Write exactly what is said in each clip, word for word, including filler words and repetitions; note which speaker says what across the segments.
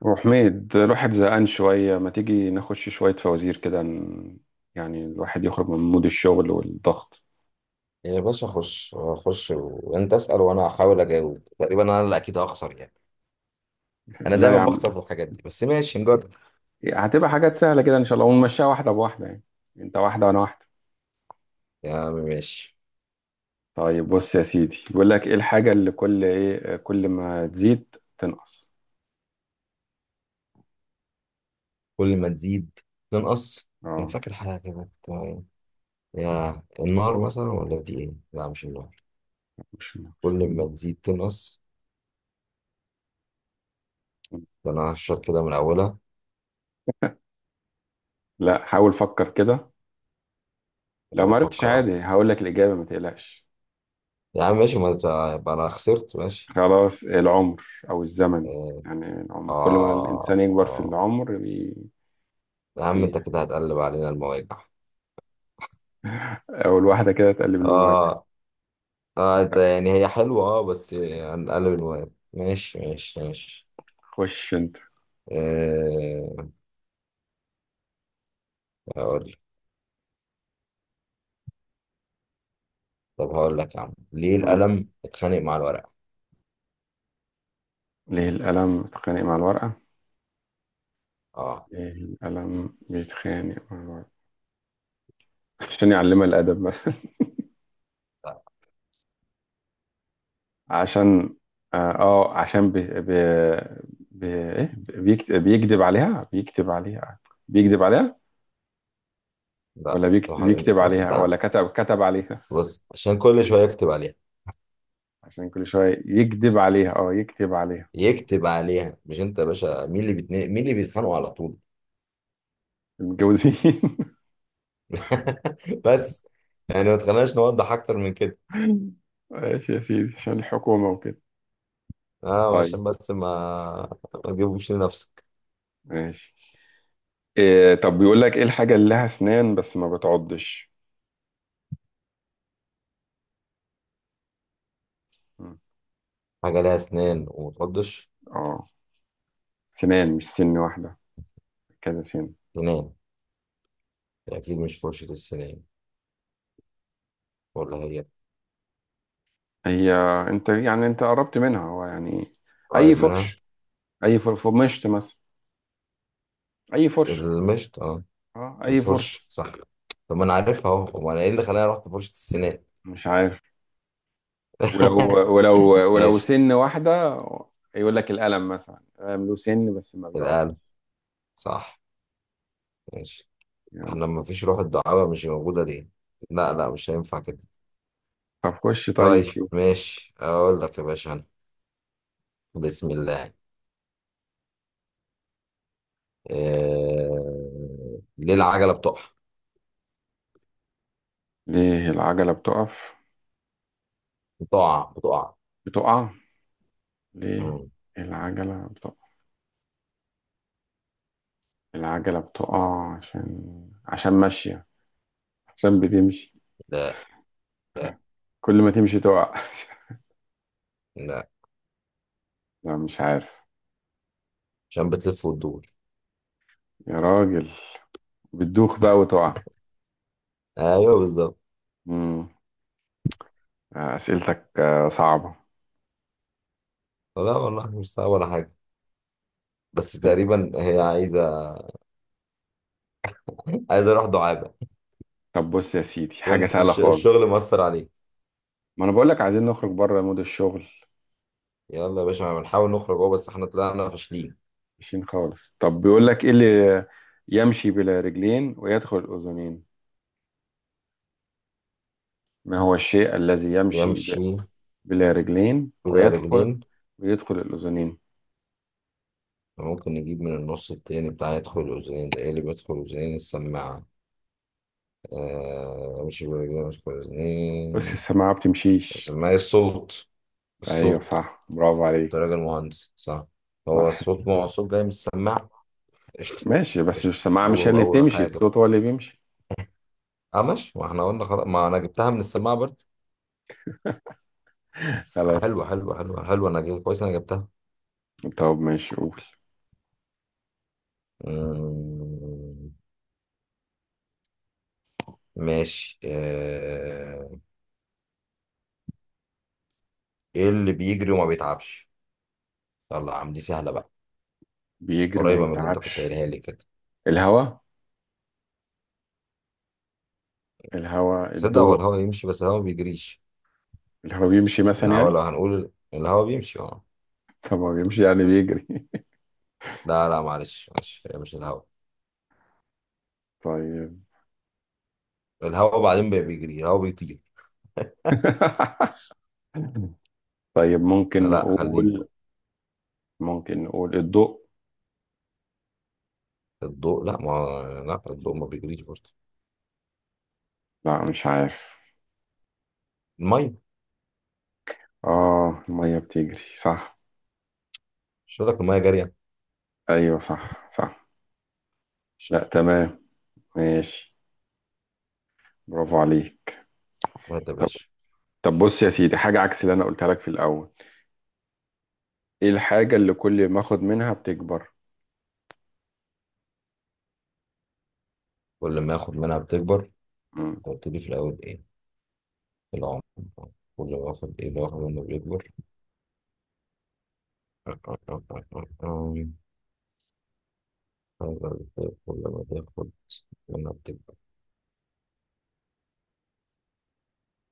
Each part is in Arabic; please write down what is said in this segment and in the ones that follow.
Speaker 1: وحميد الواحد زهقان شوية، ما تيجي نخش شوية فوازير كده، ن- يعني الواحد يخرج من مود الشغل والضغط.
Speaker 2: يا باشا خش خش وانت اسأل وانا هحاول اجاوب. تقريبا انا اللي اكيد هخسر يعني، انا
Speaker 1: لا يا
Speaker 2: دايما
Speaker 1: عم،
Speaker 2: بخسر في الحاجات دي، بس ماشي نجرب.
Speaker 1: هتبقى حاجات سهلة كده إن شاء الله ونمشيها واحدة بواحدة، يعني أنت واحدة وأنا واحدة.
Speaker 2: يا عم ماشي.
Speaker 1: طيب، بص يا سيدي، بيقول لك إيه الحاجة اللي كل إيه كل ما تزيد تنقص؟
Speaker 2: كل ما تزيد تنقص، انا
Speaker 1: أه.
Speaker 2: فاكر حاجة كده. تمام. يا النار مثلا، ولا دي ايه؟ لا مش النار.
Speaker 1: مش.
Speaker 2: كل ما تزيد تنقص، ده انا هشرب كده من اولها.
Speaker 1: لا، حاول فكر كده، لو
Speaker 2: انا
Speaker 1: ما عرفتش
Speaker 2: بفكر اهو.
Speaker 1: عادي هقول لك الإجابة، ما تقلقش.
Speaker 2: يا عم ماشي، ما تبقى- يبقى انا خسرت ماشي.
Speaker 1: خلاص، العمر أو الزمن،
Speaker 2: اه،
Speaker 1: يعني العمر كل ما
Speaker 2: اه،
Speaker 1: الإنسان يكبر في
Speaker 2: آه.
Speaker 1: العمر.
Speaker 2: يا عم
Speaker 1: بي...
Speaker 2: انت كده هتقلب علينا المواجع.
Speaker 1: أول واحدة كده تقلب المواجهة.
Speaker 2: اه، اه، ده يعني هي حلوة، اه بس هنقلب، المهم ماشي ماشي ماشي.
Speaker 1: خش أنت.
Speaker 2: أه، هقول لك. طب هقول لك يا عم، ليه
Speaker 1: آه.
Speaker 2: القلم اتخانق مع الورقة؟
Speaker 1: ليه القلم بيتخانق مع الورقة؟
Speaker 2: اه.
Speaker 1: ليه القلم بيتخانق مع الورقة؟ عشان يعلمها الأدب مثلا.
Speaker 2: لا،
Speaker 1: عشان، آه آه، عشان بي... بي... بي... إيه؟ بيكت... بيكذب عليها، بيكتب عليها، بيكذب عليها،
Speaker 2: لا
Speaker 1: ولا
Speaker 2: طب
Speaker 1: بيكت...
Speaker 2: هقول-
Speaker 1: بيكتب
Speaker 2: بص
Speaker 1: عليها،
Speaker 2: تعال،
Speaker 1: ولا كتب، كتب عليها.
Speaker 2: بص، عشان كل شوية يكتب عليها
Speaker 1: عشان كل شوية يكذب عليها، اه يكتب عليها.
Speaker 2: يكتب عليها. مش انت يا باشا، مين اللي بيتنا... مين اللي بيتخانقوا على طول؟
Speaker 1: متجوزين.
Speaker 2: بس يعني ما تخليناش نوضح اكتر من كده.
Speaker 1: ماشي يا سيدي، عشان الحكومة وكده.
Speaker 2: اه
Speaker 1: طيب،
Speaker 2: عشان بس ما، ما تجيبوش لنفسك.
Speaker 1: ماشي. إيه طب، بيقول لك ايه الحاجة اللي لها اسنان بس ما بتعضش؟ مم.
Speaker 2: حاجة لها اسنان وما تقضش؟
Speaker 1: اه، سنان مش سن واحدة، كذا سن.
Speaker 2: سنان، اكيد مش فرشة السنان، ولا هي؟
Speaker 1: هي. انت يعني انت قربت منها هو يعني. اي
Speaker 2: قريب منها.
Speaker 1: فرش، اي فر- فرمشت مثلا، اي فرش.
Speaker 2: المشط؟ اه،
Speaker 1: اه اي
Speaker 2: الفرش
Speaker 1: فرش.
Speaker 2: صح. طب ما انا عارفها اهو، امال انا ايه اللي خلاني رحت فرشة السنان؟
Speaker 1: مش عارف. ولو، ولو، ولو
Speaker 2: ماشي.
Speaker 1: سن واحدة، يقول لك القلم مثلا، القلم له سن بس ما بيعض.
Speaker 2: الآلة. صح. ماشي.
Speaker 1: يلا.
Speaker 2: احنا ما فيش روح الدعابة، مش موجودة ليه؟ لا لا، مش هينفع كده.
Speaker 1: طب خش. طيب
Speaker 2: طيب
Speaker 1: شوف.
Speaker 2: ماشي اقول لك يا باشا انا. بسم الله. آه... ليه العجلة بتقع؟
Speaker 1: ليه العجلة بتقف؟
Speaker 2: بتقع بتقع.
Speaker 1: بتقع. ليه
Speaker 2: مم.
Speaker 1: العجلة بتقف؟ العجلة بتقع عشان، عشان ماشية، عشان بتمشي.
Speaker 2: لا، لا،
Speaker 1: كل ما تمشي تقع.
Speaker 2: لا،
Speaker 1: لا مش عارف.
Speaker 2: عشان بتلف وتدور.
Speaker 1: يا راجل، بتدوخ بقى وتقع.
Speaker 2: ايوه بالظبط.
Speaker 1: مم. آه، أسئلتك آه، صعبة.
Speaker 2: لا والله مش صعب ولا حاجة، بس
Speaker 1: طب.
Speaker 2: تقريبا هي عايزة، عايز اروح دعابه.
Speaker 1: طب بص يا سيدي، حاجة
Speaker 2: وانت
Speaker 1: سهلة
Speaker 2: الش-
Speaker 1: خالص.
Speaker 2: الشغل مؤثر عليك.
Speaker 1: ما أنا بقولك عايزين نخرج بره مود الشغل.
Speaker 2: يلا يا باشا، ما بنحاول نخرج اهو، بس احنا طلعنا فاشلين.
Speaker 1: ماشيين خالص. طب بيقولك إيه اللي يمشي بلا رجلين ويدخل الأذنين؟ ما هو الشيء الذي يمشي ب-
Speaker 2: يمشي
Speaker 1: بلا رجلين
Speaker 2: بلا
Speaker 1: ويدخل،
Speaker 2: رجلين.
Speaker 1: ويدخل الأذنين؟
Speaker 2: ممكن نجيب من النص التاني بتاع يدخل الاذنين. ده ايه اللي بيدخل الاذنين؟ السماعه. آه مش بلا رجلين، مش بلا
Speaker 1: بس
Speaker 2: اذنين.
Speaker 1: السماعة بتمشيش.
Speaker 2: السماعه، إيه؟ الصوت.
Speaker 1: ايوه
Speaker 2: الصوت.
Speaker 1: صح، برافو
Speaker 2: انت
Speaker 1: عليك.
Speaker 2: راجل مهندس، صح؟ هو
Speaker 1: صح.
Speaker 2: الصوت، ما هو الصوت جاي من السماعه. قشطه.
Speaker 1: ماشي بس
Speaker 2: قشطه،
Speaker 1: السماعة مش هي
Speaker 2: اول
Speaker 1: اللي
Speaker 2: اول
Speaker 1: تمشي،
Speaker 2: حاجه.
Speaker 1: الصوت هو اللي بيمشي.
Speaker 2: اه ماشي، واحنا قلنا خلاص ما انا جبتها من السماعه برضه.
Speaker 1: خلاص.
Speaker 2: حلوه حلوه حلوه حلوه، انا جاي كويس، انا جبتها.
Speaker 1: طب ماشي قول.
Speaker 2: مم، ماشي. آه، ايه اللي بيجري وما بيتعبش؟ يلا يا عم دي سهله بقى،
Speaker 1: بيجري وما
Speaker 2: قريبه من اللي انت كنت
Speaker 1: بيتعبش.
Speaker 2: قايلها لي كده.
Speaker 1: الهواء، الهواء،
Speaker 2: تصدق هو
Speaker 1: الضوء.
Speaker 2: الهوا يمشي بس الهوا ما بيجريش.
Speaker 1: الهواء بيمشي مثلا
Speaker 2: الهوا،
Speaker 1: يعني.
Speaker 2: لو هنقول الهوا بيمشي، اه
Speaker 1: طب ما بيمشي يعني بيجري.
Speaker 2: لا لا، معلش معلش، هي مش الهوا.
Speaker 1: طيب.
Speaker 2: الهوا بعدين بي- بيجري، الهوا بيطير.
Speaker 1: طيب
Speaker 2: لا
Speaker 1: ممكن
Speaker 2: لا خليك
Speaker 1: نقول،
Speaker 2: بقى.
Speaker 1: ممكن نقول الضوء.
Speaker 2: الضوء، لا ما، لا الضوء ما بيجريش برضه.
Speaker 1: لا مش عارف.
Speaker 2: الميه.
Speaker 1: اه المية بتجري صح.
Speaker 2: مش قلت لك الميه جاريه.
Speaker 1: ايوه صح صح.
Speaker 2: شت،
Speaker 1: لا تمام. ماشي، برافو عليك.
Speaker 2: وهات يا
Speaker 1: طب.
Speaker 2: باشا.
Speaker 1: طب بص يا سيدي، حاجة عكس اللي انا قلتها لك في الاول. ايه الحاجة اللي كل ما اخد منها بتكبر؟
Speaker 2: كل ما اخد منها بتكبر. انت
Speaker 1: مم.
Speaker 2: قلت لي في الاول ايه؟ العمر. كل ما اخد، ايه اللي واخد منه بيكبر؟ ولا بتاكل لما تاخد، لما بتبقى؟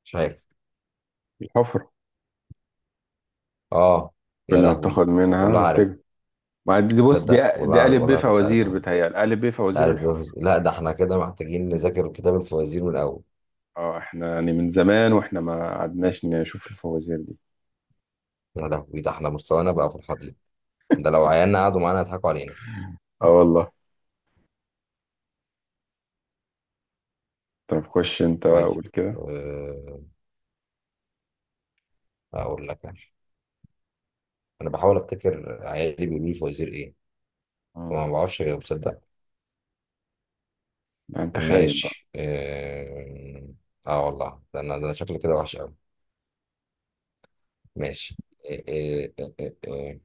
Speaker 2: مش عارف.
Speaker 1: الحفرة.
Speaker 2: اه. يا
Speaker 1: كل ما
Speaker 2: لهوي،
Speaker 1: بتاخد
Speaker 2: والله
Speaker 1: منها
Speaker 2: عارف.
Speaker 1: بتكبر. ما دي بص دي،
Speaker 2: تصدق
Speaker 1: دي
Speaker 2: والله
Speaker 1: ألف ب
Speaker 2: والله كنت
Speaker 1: فوازير،
Speaker 2: عارفها.
Speaker 1: بتهيألي ألف ب
Speaker 2: لا
Speaker 1: فوازير
Speaker 2: عارف
Speaker 1: الحفرة.
Speaker 2: بيهز- لا ده احنا كده محتاجين نذاكر كتاب الفوازير من الاول.
Speaker 1: اه احنا يعني من زمان واحنا ما قعدناش نشوف الفوازير دي.
Speaker 2: يا لهوي ده احنا مستوانا بقى في الحضيض. ده لو عيالنا قعدوا معانا يضحكوا علينا.
Speaker 1: اه والله. طب خش انت
Speaker 2: طيب.
Speaker 1: قول كده.
Speaker 2: آه، اقول لك انا. انا بحاول افتكر عيالي بيقولوا لي فوازير ايه
Speaker 1: مم.
Speaker 2: وما بعرفش اجاوب تصدق.
Speaker 1: لا انت خايب بقى.
Speaker 2: ماشي اه. آه والله ده انا، ده انا شكلي كده وحش قوي. ماشي. إيه إيه إيه إيه إيه.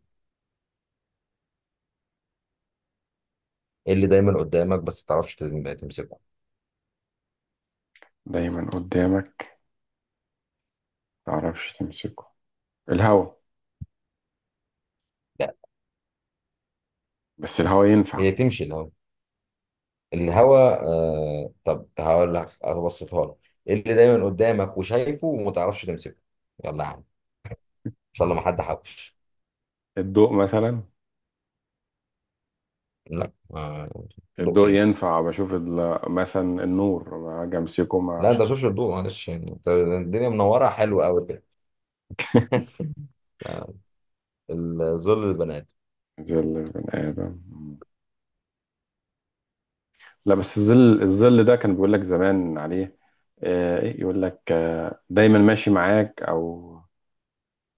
Speaker 2: إيه اللي دايما قدامك بس تعرفش تم- تمسكه؟
Speaker 1: دايما قدامك متعرفش تمسكه. الهوا.
Speaker 2: لا،
Speaker 1: بس الهوا ينفع.
Speaker 2: هي تمشي الهوا؟ الهوا؟ آه طب هقول لك ابسطها لك. إيه اللي دايما قدامك وشايفه وما تعرفش تمسكه؟ يلا يا عم ان شاء الله ما حد حوش.
Speaker 1: الضوء مثلا،
Speaker 2: لا، آه، ضوء
Speaker 1: الضوء
Speaker 2: ايه؟
Speaker 1: ينفع، بشوف ال- مثلا النور، ما اجي امسكه ما،
Speaker 2: لا انت
Speaker 1: مش عارف.
Speaker 2: مش الضوء، معلش يعني أنت الدنيا منوره حلوه قوي كده. آه، الظل، البنات.
Speaker 1: زي البني ادم. لا بس الظل، الظل ده كان بيقول لك زمان عليه. آه، إيه يقول لك آه، دايما ماشي معاك، او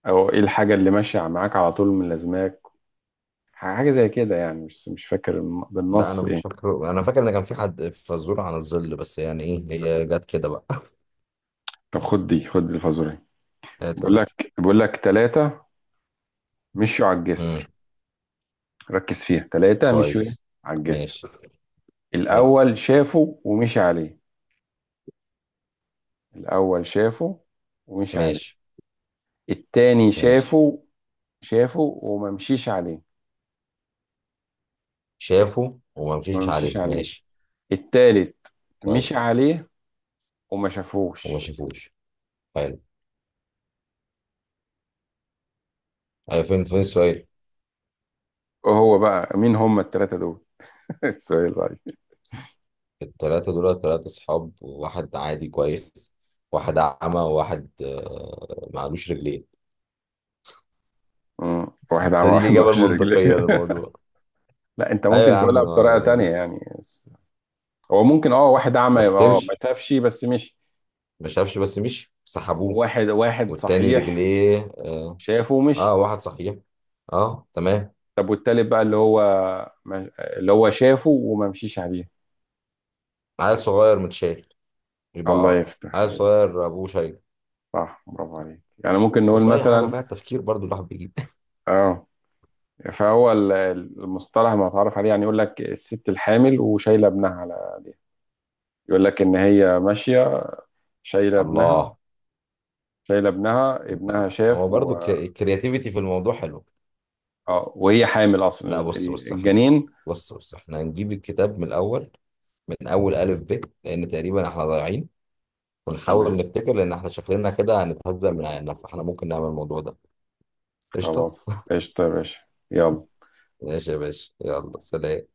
Speaker 1: او ايه الحاجه اللي ماشيه معاك على طول من لازماك. حاجه زي كده يعني، مش مش فاكر الم-
Speaker 2: لا انا
Speaker 1: بالنص
Speaker 2: مش
Speaker 1: ايه.
Speaker 2: فاكر، انا فاكر ان كان في حد فزوره عن الظل بس يعني ايه هي جت كده بقى.
Speaker 1: طب خد دي، خد الفازوري.
Speaker 2: هات يا
Speaker 1: بيقول
Speaker 2: باشا.
Speaker 1: لك، بيقول لك ثلاثه مشوا على الجسر. ركز فيها، ثلاثه مشوا ايه؟
Speaker 2: كويس.
Speaker 1: على الجسر.
Speaker 2: ماشي. حلو.
Speaker 1: الاول شافه ومشي عليه. الاول شافه ومشي عليه.
Speaker 2: ماشي.
Speaker 1: التاني
Speaker 2: ماشي.
Speaker 1: شافه، شافه وما مشيش عليه،
Speaker 2: شافه وما
Speaker 1: وما
Speaker 2: مشيش
Speaker 1: مشيش
Speaker 2: عليه
Speaker 1: عليه.
Speaker 2: ماشي.
Speaker 1: التالت مشي
Speaker 2: كويس.
Speaker 1: عليه وما
Speaker 2: وما
Speaker 1: شافوش.
Speaker 2: شافوش. حلو. أيوة فين فين السؤال؟
Speaker 1: وهو بقى مين هم التلاتة دول؟ السؤال صحيح.
Speaker 2: التلاتة دول تلاتة صحاب، واحد عادي كويس، واحد أعمى، وواحد آه، معلوش رجلين.
Speaker 1: مم. واحد عمى،
Speaker 2: ده دي
Speaker 1: واحد
Speaker 2: الإجابة
Speaker 1: مالوش رجلين.
Speaker 2: المنطقية للموضوع.
Speaker 1: لا انت
Speaker 2: أيوة يا
Speaker 1: ممكن
Speaker 2: عم
Speaker 1: تقولها بطريقة
Speaker 2: آه،
Speaker 1: تانية يعني. هو ممكن اه، واحد اعمى
Speaker 2: بس
Speaker 1: يبقى اه ما
Speaker 2: تمشي،
Speaker 1: شافش بس مشي.
Speaker 2: ما شافش بس مشي سحبوه.
Speaker 1: وواحد واحد
Speaker 2: والتاني
Speaker 1: صحيح
Speaker 2: رجليه اه.
Speaker 1: شافه
Speaker 2: آه،
Speaker 1: ومشي.
Speaker 2: واحد صحيح. اه تمام.
Speaker 1: طب والتالت بقى اللي هو، ما- اللي هو شافه وما مشيش عليه.
Speaker 2: عيل صغير متشايل.
Speaker 1: الله
Speaker 2: يبقى
Speaker 1: يفتح
Speaker 2: عيل
Speaker 1: عليك.
Speaker 2: صغير أبوه شايل.
Speaker 1: صح، برافو عليك، يعني ممكن نقول
Speaker 2: بص اي حاجه
Speaker 1: مثلا
Speaker 2: فيها التفكير برضو الواحد بيجيب.
Speaker 1: اه، فهو ال- المصطلح المتعارف عليه، يعني يقول لك الست الحامل وشايله ابنها على ايديها، يقول لك ان هي ماشيه شايله ابنها،
Speaker 2: الله.
Speaker 1: شايله ابنها، ابنها
Speaker 2: لا هو
Speaker 1: شاف
Speaker 2: برضو
Speaker 1: و...
Speaker 2: الكرياتيفيتي في الموضوع حلو.
Speaker 1: آه، وهي حامل اصلا
Speaker 2: لا
Speaker 1: ال-
Speaker 2: بص
Speaker 1: ال-
Speaker 2: بص احنا،
Speaker 1: الجنين.
Speaker 2: بص بص احنا هنجيب الكتاب من الاول، من اول الف ب، لان تقريبا احنا ضايعين.
Speaker 1: تمام.
Speaker 2: ونحاول نفتكر، لان احنا شكلنا كده هنتهزق من عيننا، فاحنا ممكن نعمل الموضوع ده. قشطه.
Speaker 1: خلاص، قشطه يا باشا.
Speaker 2: ماشي يا باشا، يلا
Speaker 1: يلا.
Speaker 2: سلام.